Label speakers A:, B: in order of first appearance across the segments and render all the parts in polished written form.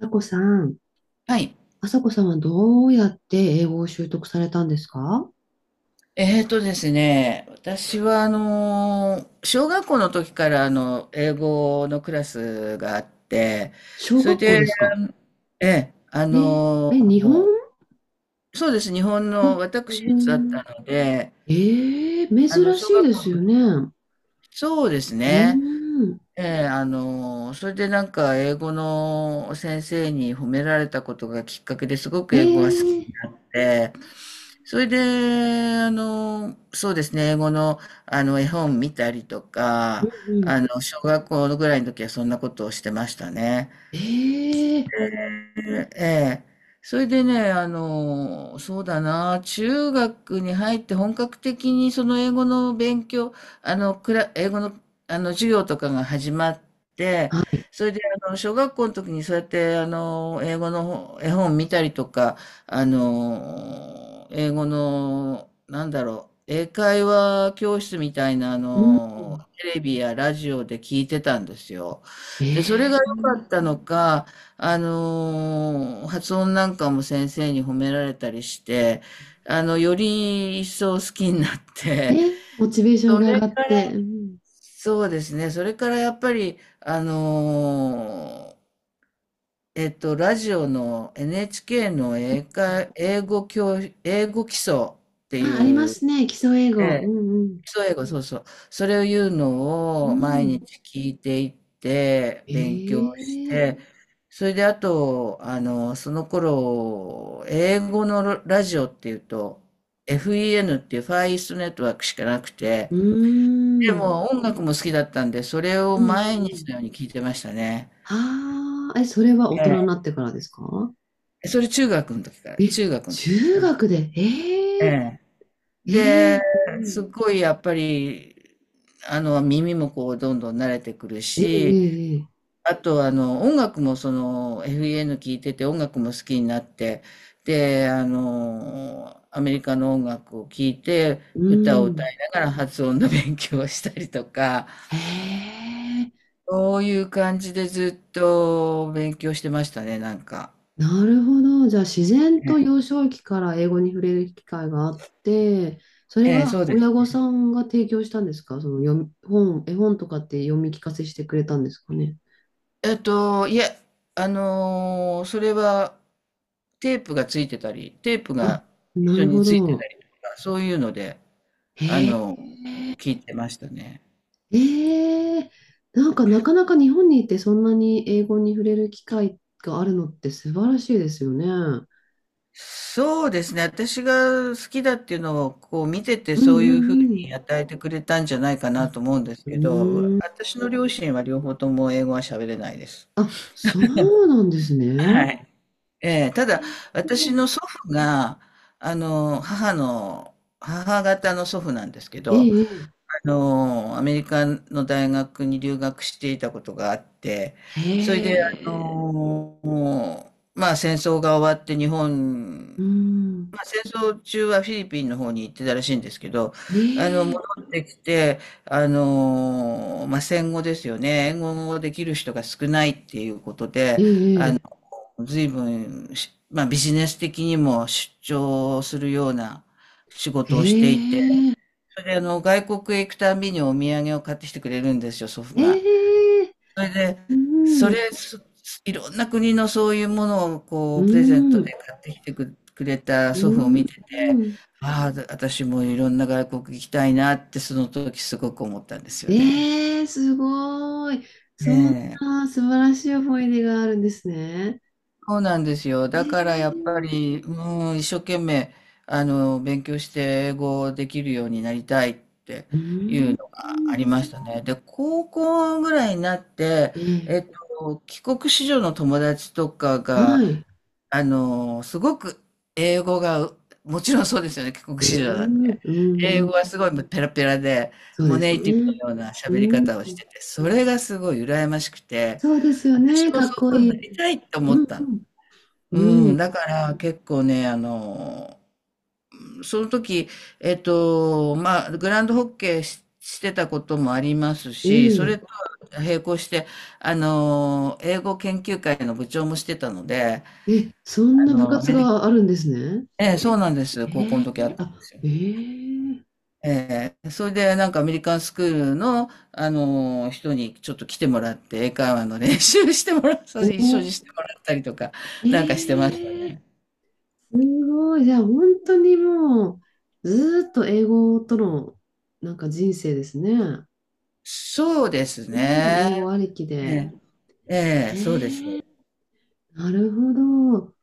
A: さこさん、
B: はい。
A: あさこさんはどうやって英語を習得されたんですか？
B: えーとですね、私は小学校の時から英語のクラスがあって、
A: 小
B: それ
A: 学校
B: で、
A: ですか？
B: ええ、
A: えー、え、日本？
B: そうです、日本の
A: あ、日
B: 私立だった
A: 本。
B: ので、
A: え珍
B: 小
A: しい
B: 学
A: で
B: 校の
A: すよ
B: 時、
A: ね。う
B: そうです
A: ー
B: ね、
A: ん。
B: ええ、それでなんか英語の先生に褒められたことがきっかけですごく
A: え
B: 英語が好
A: ー、
B: きで、それで、そうですね、英語の、絵本見たりと
A: う
B: か、
A: んうん。
B: 小学校ぐらいの時はそんなことをしてましたね。
A: えー。
B: ええ。それでね、そうだな、中学に入って本格的にその英語の勉強、英語の、授業とかが始まって、
A: はい。
B: それで、小学校の時にそうやって、英語の絵本見たりとか、英語の、なんだろう、英会話教室みたいな、
A: うん。
B: テレビやラジオで聞いてたんですよ。
A: え
B: で、それが
A: ー。
B: 良かったのか、発音なんかも先生に褒められたりして、より一層好きになって、
A: モチベーション
B: そ
A: が上
B: れ
A: が
B: か
A: って。
B: ら、
A: うん。
B: そうですね、それからやっぱり、ラジオの NHK の英会、英語教、英語基礎って
A: あ、ありま
B: いう、
A: すね。基礎英語。うんうん。
B: そう、英語、そうそう。それを言うの
A: う
B: を毎
A: ん。
B: 日聞いていって、
A: え
B: 勉強し
A: ー。
B: て、それであと、その頃、英語のラジオっていうと、FEN っていうファーイーストネットワークしかなくて、
A: う
B: で
A: ーん。
B: も音楽も好きだったんで、それを
A: うんうん
B: 毎
A: う
B: 日
A: ん。
B: のように聞いてましたね。
A: ああ、え、それは大人にな
B: え
A: ってからですか？
B: え。それ中学の時から、
A: え、
B: 中学の時です
A: 中
B: ね。
A: 学で、え
B: え
A: え。
B: え。
A: え
B: で、
A: えうん。
B: すっごいやっぱり、耳もこう、どんどん慣れてくる
A: え
B: し、
A: えええ。
B: あと、音楽もその FEN 聴いてて音楽も好きになって、で、アメリカの音楽を聴いて
A: う
B: 歌を
A: ん。
B: 歌いながら発音の勉強をしたりとか、
A: へえ。
B: そういう感じでずっと勉強してましたね、なんか。
A: なるほど。じゃあ、自然と
B: え
A: 幼少期から英語に触れる機会があって、それ
B: え、ええそ
A: は
B: うで
A: 親
B: す。
A: 御さんが提供したんですか？その読み、本、絵本とかって読み聞かせしてくれたんですかね。
B: いや、それはテープがついてたり、テープ
A: あ、
B: が
A: な
B: 一緒
A: る
B: に
A: ほ
B: ついて
A: ど。
B: たりとか、そういうので、あ
A: へ
B: の、聞いてましたね。
A: ええ。なんかなかなか日本にいてそんなに英語に触れる機会があるのって素晴らしいですよね。うん
B: そうですね。私が好きだっていうのをこう見てて
A: う
B: そういうふう
A: ん
B: に与えてくれたんじゃないかなと思うんです
A: うん。う
B: けど、
A: ーん。
B: 私の両親は両方とも英語は喋れないです。
A: あ、そうなんですね。
B: はい。ええ、ただ
A: え
B: 私
A: え
B: の祖父が、あの、母の、母方の祖父なんですけど、
A: ええ。
B: アメリカの大学に留学していたことがあって、
A: へ
B: それで、
A: え。
B: もうまあ戦争が終わって日本
A: うん。
B: まあ戦争中はフィリピンの方に行ってたらしいんですけど、
A: え
B: 戻
A: え
B: ってきて、まあ、戦後ですよね。英語をできる人が少ないっていうこと
A: え
B: で、
A: え
B: 随分まあ、ビジネス的にも出張するような仕事をしていて、
A: え
B: それで外国へ行くたびにお土産を買ってきてくれるんですよ、祖父
A: え
B: が。
A: ええ。
B: それで、
A: う
B: それ、
A: ん。
B: そいろんな国のそういうものを
A: う
B: こうプレゼント
A: ん。
B: で買ってきてくれた
A: う
B: 祖父を
A: ん。
B: 見てて、
A: うん。
B: ああ、私もいろんな外国行きたいなってその時すごく思ったんですよね。
A: ええ、すごい。そん
B: ねえ、
A: な素晴らしい思い出があるんですね。
B: そうなんですよ。だからやっ
A: ええ。
B: ぱり、うん、一生懸命、勉強して英語できるようになりたいって
A: う
B: い
A: ー
B: うの
A: ん。
B: がありましたね。で、高校ぐらいになって、
A: ええ。
B: えっ帰国子女の友達とかが、
A: はい。
B: すごく英語がもちろんそうですよね、帰国
A: うー
B: 子女なん
A: ん、
B: で。
A: うん、
B: 英
A: うん。
B: 語はすごいもうペラペラで、
A: そう
B: もう
A: です
B: ネイティブ
A: ね。
B: のような
A: う
B: 喋り
A: ん、
B: 方をしてて、それがすごい羨ましくて、
A: そうですよね。
B: 私も
A: か
B: そ
A: っ
B: ういう
A: こ
B: ふう
A: い
B: にな
A: い。
B: りたいって思
A: う
B: ったの。
A: ん、うん、う
B: うん、
A: ん。
B: だから結構ね、あの、その時、えっと、まあ、グランドホッケーしてたこともありますし、それ
A: え
B: と並行して、英語研究会の部長もしてたので、
A: ええ、そん
B: あ
A: な部
B: の、ア
A: 活
B: メ
A: があるんですね。
B: ええ、そうなんです。
A: え
B: 高校の
A: え、
B: 時あったんで
A: あ、
B: すよ。
A: ええ。
B: ええ、それでなんかアメリカンスクールの、人にちょっと来てもらって、英会話の練習してもらった、
A: お
B: 一緒
A: ー。
B: にしてもらったりとか、なんかしてました
A: ええ。
B: ね。
A: すごい。じゃあ、本当にもう、ずーっと英語との、なんか人生ですね。
B: そうです
A: うん、
B: ね。
A: 英語ありき
B: え
A: で。
B: え、え
A: え
B: え、そうで
A: ー。
B: すね。
A: なるほど。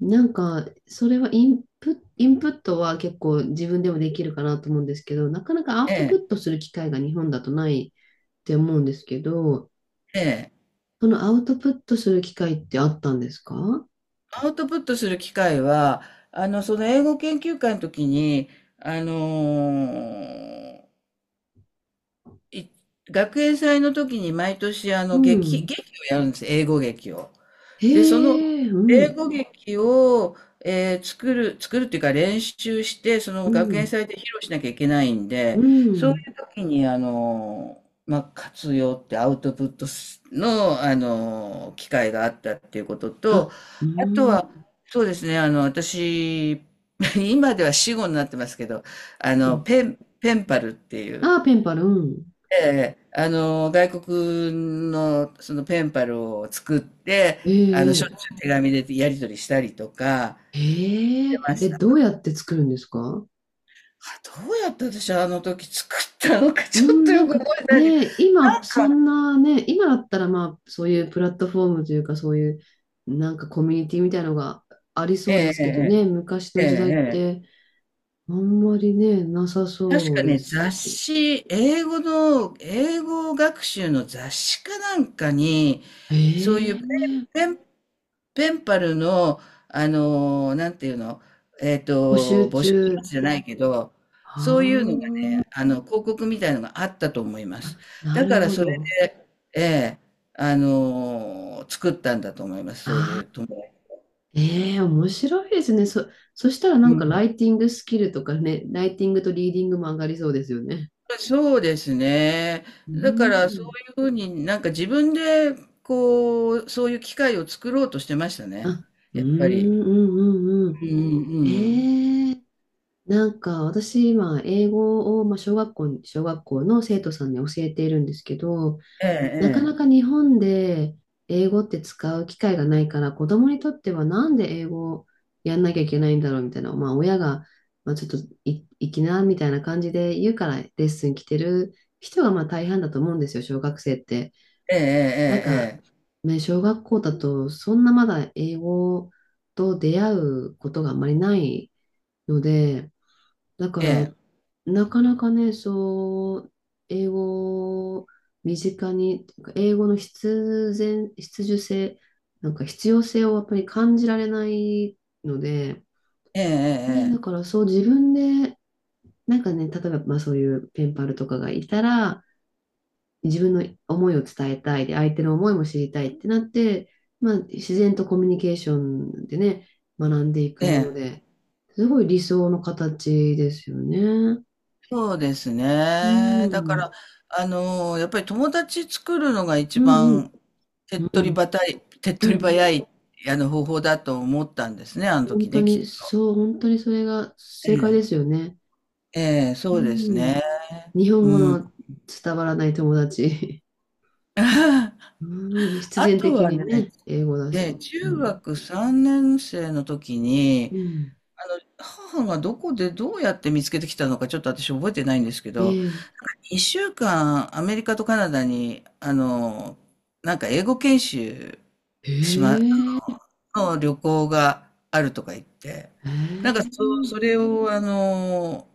A: なんか、それはインプットは結構自分でもできるかなと思うんですけど、なかなかアウ
B: え
A: トプ
B: え、
A: ットする機会が日本だとないって思うんですけど、
B: ええ。
A: そのアウトプットする機会ってあったんですか？
B: アウトプットする機会は、その英語研究会の時に、あの、い学園祭の時に毎年、
A: うん。
B: 劇をやるんです。英語劇を。
A: へ
B: で、その
A: え。う
B: 英
A: ん、
B: 語劇を、作るっていうか練習して、その
A: う
B: 学園
A: ん、
B: 祭で披露しなきゃいけないん
A: う
B: で、そうい
A: ん。
B: う時に、まあ、活用ってアウトプットすの、機会があったっていうことと、
A: あ、う
B: あと
A: ん。
B: は、そうですね、私、今では死語になってますけど、ペンパルっていう、
A: ああ、ペンパル、うん。
B: ええ、外国のそのペンパルを作って、しょっ
A: え
B: ち
A: え
B: ゅう手紙でやり取りしたりとかし
A: え
B: て
A: え
B: まし
A: え、ど
B: た。
A: うやって作るんですか？
B: あ、どうやって私あの時作ったのか
A: う
B: ちょっ
A: ん、
B: と
A: な
B: よ
A: ん
B: く
A: か
B: 覚えてないんで、
A: ね、
B: な
A: 今、
B: ん
A: そ
B: か
A: んなね、今だったら、まあ、そういうプラットフォームというか、そういう、なんかコミュニティみたいなのがありそ
B: え
A: うで
B: え
A: す
B: ええ
A: けどね、昔
B: ええ。
A: の
B: ええ
A: 時代っ
B: ええ。
A: て、あんまりね、なさ
B: 確
A: そう
B: か
A: で
B: ね、
A: す
B: 雑
A: し。
B: 誌、英語の英語学習の雑誌かなんかに、そういうン
A: ええ。
B: ペンペンパルの、なんていうの、
A: 募集
B: 募集します
A: 中。
B: じゃないけど、
A: あ
B: そういうのがね、広告みたいのがあったと思いま
A: あ、
B: す。
A: な
B: だか
A: る
B: ら
A: ほ
B: それ
A: ど。
B: で、ええ、作ったんだと思います、そうい
A: あ
B: う
A: あ。
B: とも。
A: ええ、面白いですね。そしたらな
B: う
A: んかラ
B: ん。
A: イティングスキルとかね、ライティングとリーディングも上がりそうですよね。
B: そうですね。
A: う
B: だからそう
A: ん。
B: いうふうになんか自分で、こう、そういう機会を作ろうとしてましたね。
A: あ、う
B: やっぱり。
A: ん、うん、うん、う
B: う
A: ん。
B: んうんうん。
A: ええ、なんか私今、英語を、まあ、小学校に、小学校の生徒さんに教えているんですけど、
B: え
A: なか
B: え、
A: なか日本で英語って使う機会がないから、子供にとってはなんで英語をやんなきゃいけないんだろうみたいな、まあ親が、まあ、ちょっとい行きなみたいな感じで言うからレッスン来てる人がまあ大半だと思うんですよ、小学生って。
B: ええ、
A: なんか、
B: ええ、
A: ね、小学校だとそんなまだ英語と出会うことがあんまりないので、だか
B: ええ、ええ。ええ
A: ら、
B: え
A: なかなかね、そう、英語を身近に、英語の必然、必需性、なんか必要性をやっぱり感じられないので、ね、だ
B: え
A: か
B: ええ
A: らそう自分で、なんかね、例えばまあそういうペンパルとかがいたら、自分の思いを伝えたいで、相手の思いも知りたいってなって、まあ自然とコミュニケーションでね、学んでいく
B: えええ。
A: もの
B: ええ。
A: で、すごい理想の形ですよね。
B: そうです
A: う
B: ね。だか
A: ん、
B: ら、やっぱり友達作るのが
A: う
B: 一
A: ん、うん、
B: 番
A: うん、うん、
B: 手っ取り早い、方法だと思ったんですね、あの
A: 本
B: 時
A: 当
B: ね、きっ
A: に、
B: と。
A: そう、本当にそれが
B: え
A: 正解です
B: え。
A: よね。
B: ええ、
A: う
B: そうです
A: ん、
B: ね。
A: 日本語
B: うん。
A: の伝わらない友達。うん、必
B: あ
A: 然
B: と
A: 的
B: は
A: に
B: ね、
A: ね、英語だ
B: ええ、
A: し。う
B: 中
A: ん、
B: 学3年生の時
A: う
B: に、
A: ん、
B: 母がどこでどうやって見つけてきたのかちょっと私覚えてないんですけ
A: え
B: ど、
A: え、
B: 一週間、アメリカとカナダに、なんか英語研修しま、
A: ええ、
B: の旅行があるとか言って、
A: え
B: なんか
A: え、
B: そう、それを、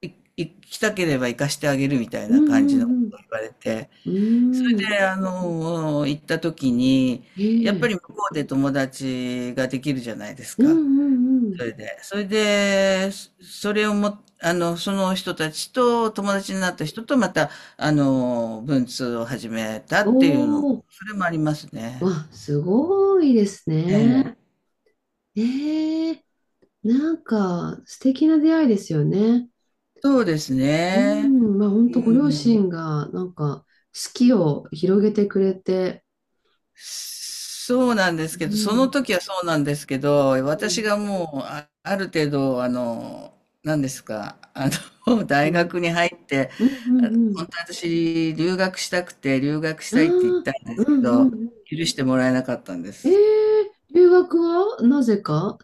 B: い行きたければ行かしてあげるみたい
A: うん、
B: な感じ
A: う
B: のこと
A: ん、
B: を言われて、
A: う
B: そ
A: ん、う
B: れ
A: ん、
B: で、行った時に、
A: え
B: やっぱ
A: え、
B: り向こうで友達ができるじゃないです
A: うん、
B: か。
A: うん、うん、
B: それで、それをも、その人たちと、友達になった人と、また、文通を始めた
A: お
B: っていうの
A: お。
B: それもありますね。
A: わ、すごいです
B: え
A: ね。
B: え。
A: ええ、なんか素敵な出会いですよね。
B: そうです
A: う
B: ね。
A: ん、まあ本
B: う
A: 当ご両
B: ん。
A: 親がなんか好きを広げてくれて、
B: そうなんで
A: う
B: すけど、その
A: ん、
B: 時はそうなんですけど、
A: う
B: 私
A: ん、
B: がもう、あ、ある程度、何ですか、
A: う
B: 大
A: ん、
B: 学に入って、
A: う
B: 本
A: ん、
B: 当は私、留学したくて、留学したいって言っ
A: うん、ああ、
B: たんで
A: う
B: すけ
A: ん、うん、う
B: ど、
A: ん。
B: 許してもらえなかったんで
A: え
B: す。
A: え、留学はなぜか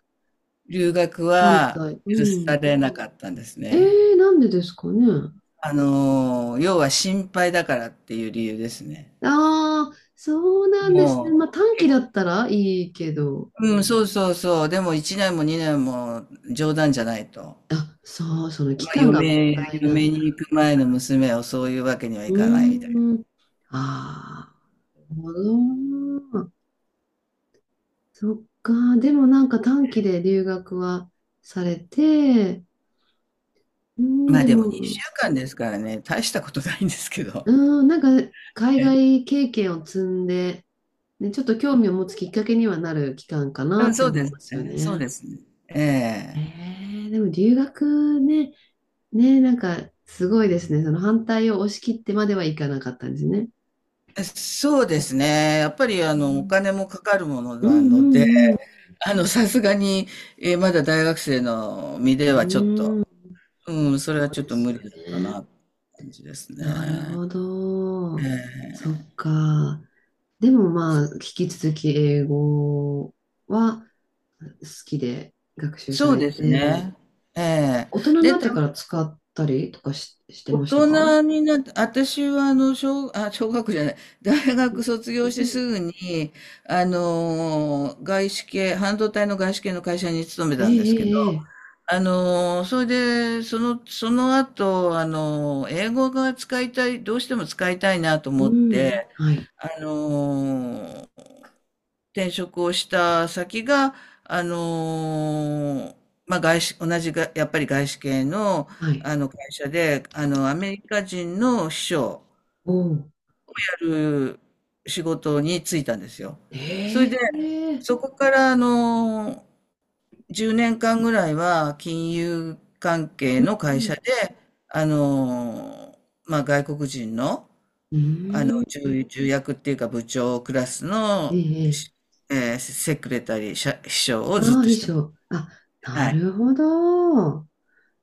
B: 留学
A: 反
B: は
A: 対。う
B: 許さ
A: ん。
B: れなかったんです
A: え
B: ね。
A: え、なんでですかね。
B: 要は心配だからっていう理由ですね。
A: ああ、そうなんですね。まあ
B: も
A: 短
B: う、
A: 期だったらいいけど、
B: うん、そうそうそう。でも1年も2年も冗談じゃないと。
A: あ、そう、その期
B: まあ、
A: 間が問題なん
B: 嫁
A: だ。
B: に行く前の娘をそういうわけにはい
A: う
B: かないみたいな。
A: ーん、ああ、なるほど。そっか。でもなんか短期で留学はされて、うん、
B: まあ
A: で
B: でも
A: も、
B: 2週間ですからね、大したことないんですけど。
A: うん、なんか海
B: え
A: 外経験を積んで、ね、ちょっと興味を持つきっかけにはなる期間か
B: う
A: な
B: ん、
A: って
B: そう
A: 思
B: で
A: い
B: す
A: ますよ
B: ね。そう
A: ね。
B: ですね。
A: え
B: え
A: でも留学ね、ね、なんかすごいですね。その反対を押し切ってまではいかなかったんですね。
B: え。そうですね。やっぱり
A: う
B: お
A: ん
B: 金もかかるもの
A: うん
B: なので、
A: うん
B: さすがに、まだ大学生の身
A: う
B: ではちょっ
A: ん。
B: と、
A: うーん、
B: うん、それ
A: そ
B: は
A: う
B: ちょっ
A: で
B: と
A: す
B: 無
A: よ
B: 理だったな、
A: ね。
B: って感じです
A: なる
B: ね。
A: ほ
B: え
A: ど。そっ
B: え。
A: か。でもまあ、引き続き英語は好きで学習さ
B: そう
A: れ
B: です
A: て、
B: ね。ええ。
A: 大人に
B: で、
A: なってから使ったりとかし、して
B: 大
A: ましたか？
B: 人になって、私は小学じゃない、大学卒業し
A: う
B: てす
A: ん。
B: ぐに、外資系、半導体の外資系の会社に勤め
A: ええ
B: たんですけど、
A: ええええ。
B: それで、その後、英語が使いたい、どうしても使いたいなと
A: う
B: 思っ
A: ん。
B: て、
A: はい。
B: あのー、転職をした先が、あのーまあ、外資、同じが、やっぱり外資系の、
A: はい。
B: あの会社で、アメリカ人の秘書を
A: おお。
B: やる仕事に就いたんですよ。それ
A: え
B: で、
A: え。
B: そこから、10年間ぐらいは金融関係の
A: う
B: 会社
A: ん。
B: で、あのーまあ、外国人の、
A: うーん。
B: 重役っていうか部長クラス
A: え
B: の
A: え
B: し、
A: ええ。
B: えーセクレタリー、社秘書を
A: ああ
B: ずっと
A: ー、衣
B: してます。
A: 装。あ、な
B: はい。
A: るほど。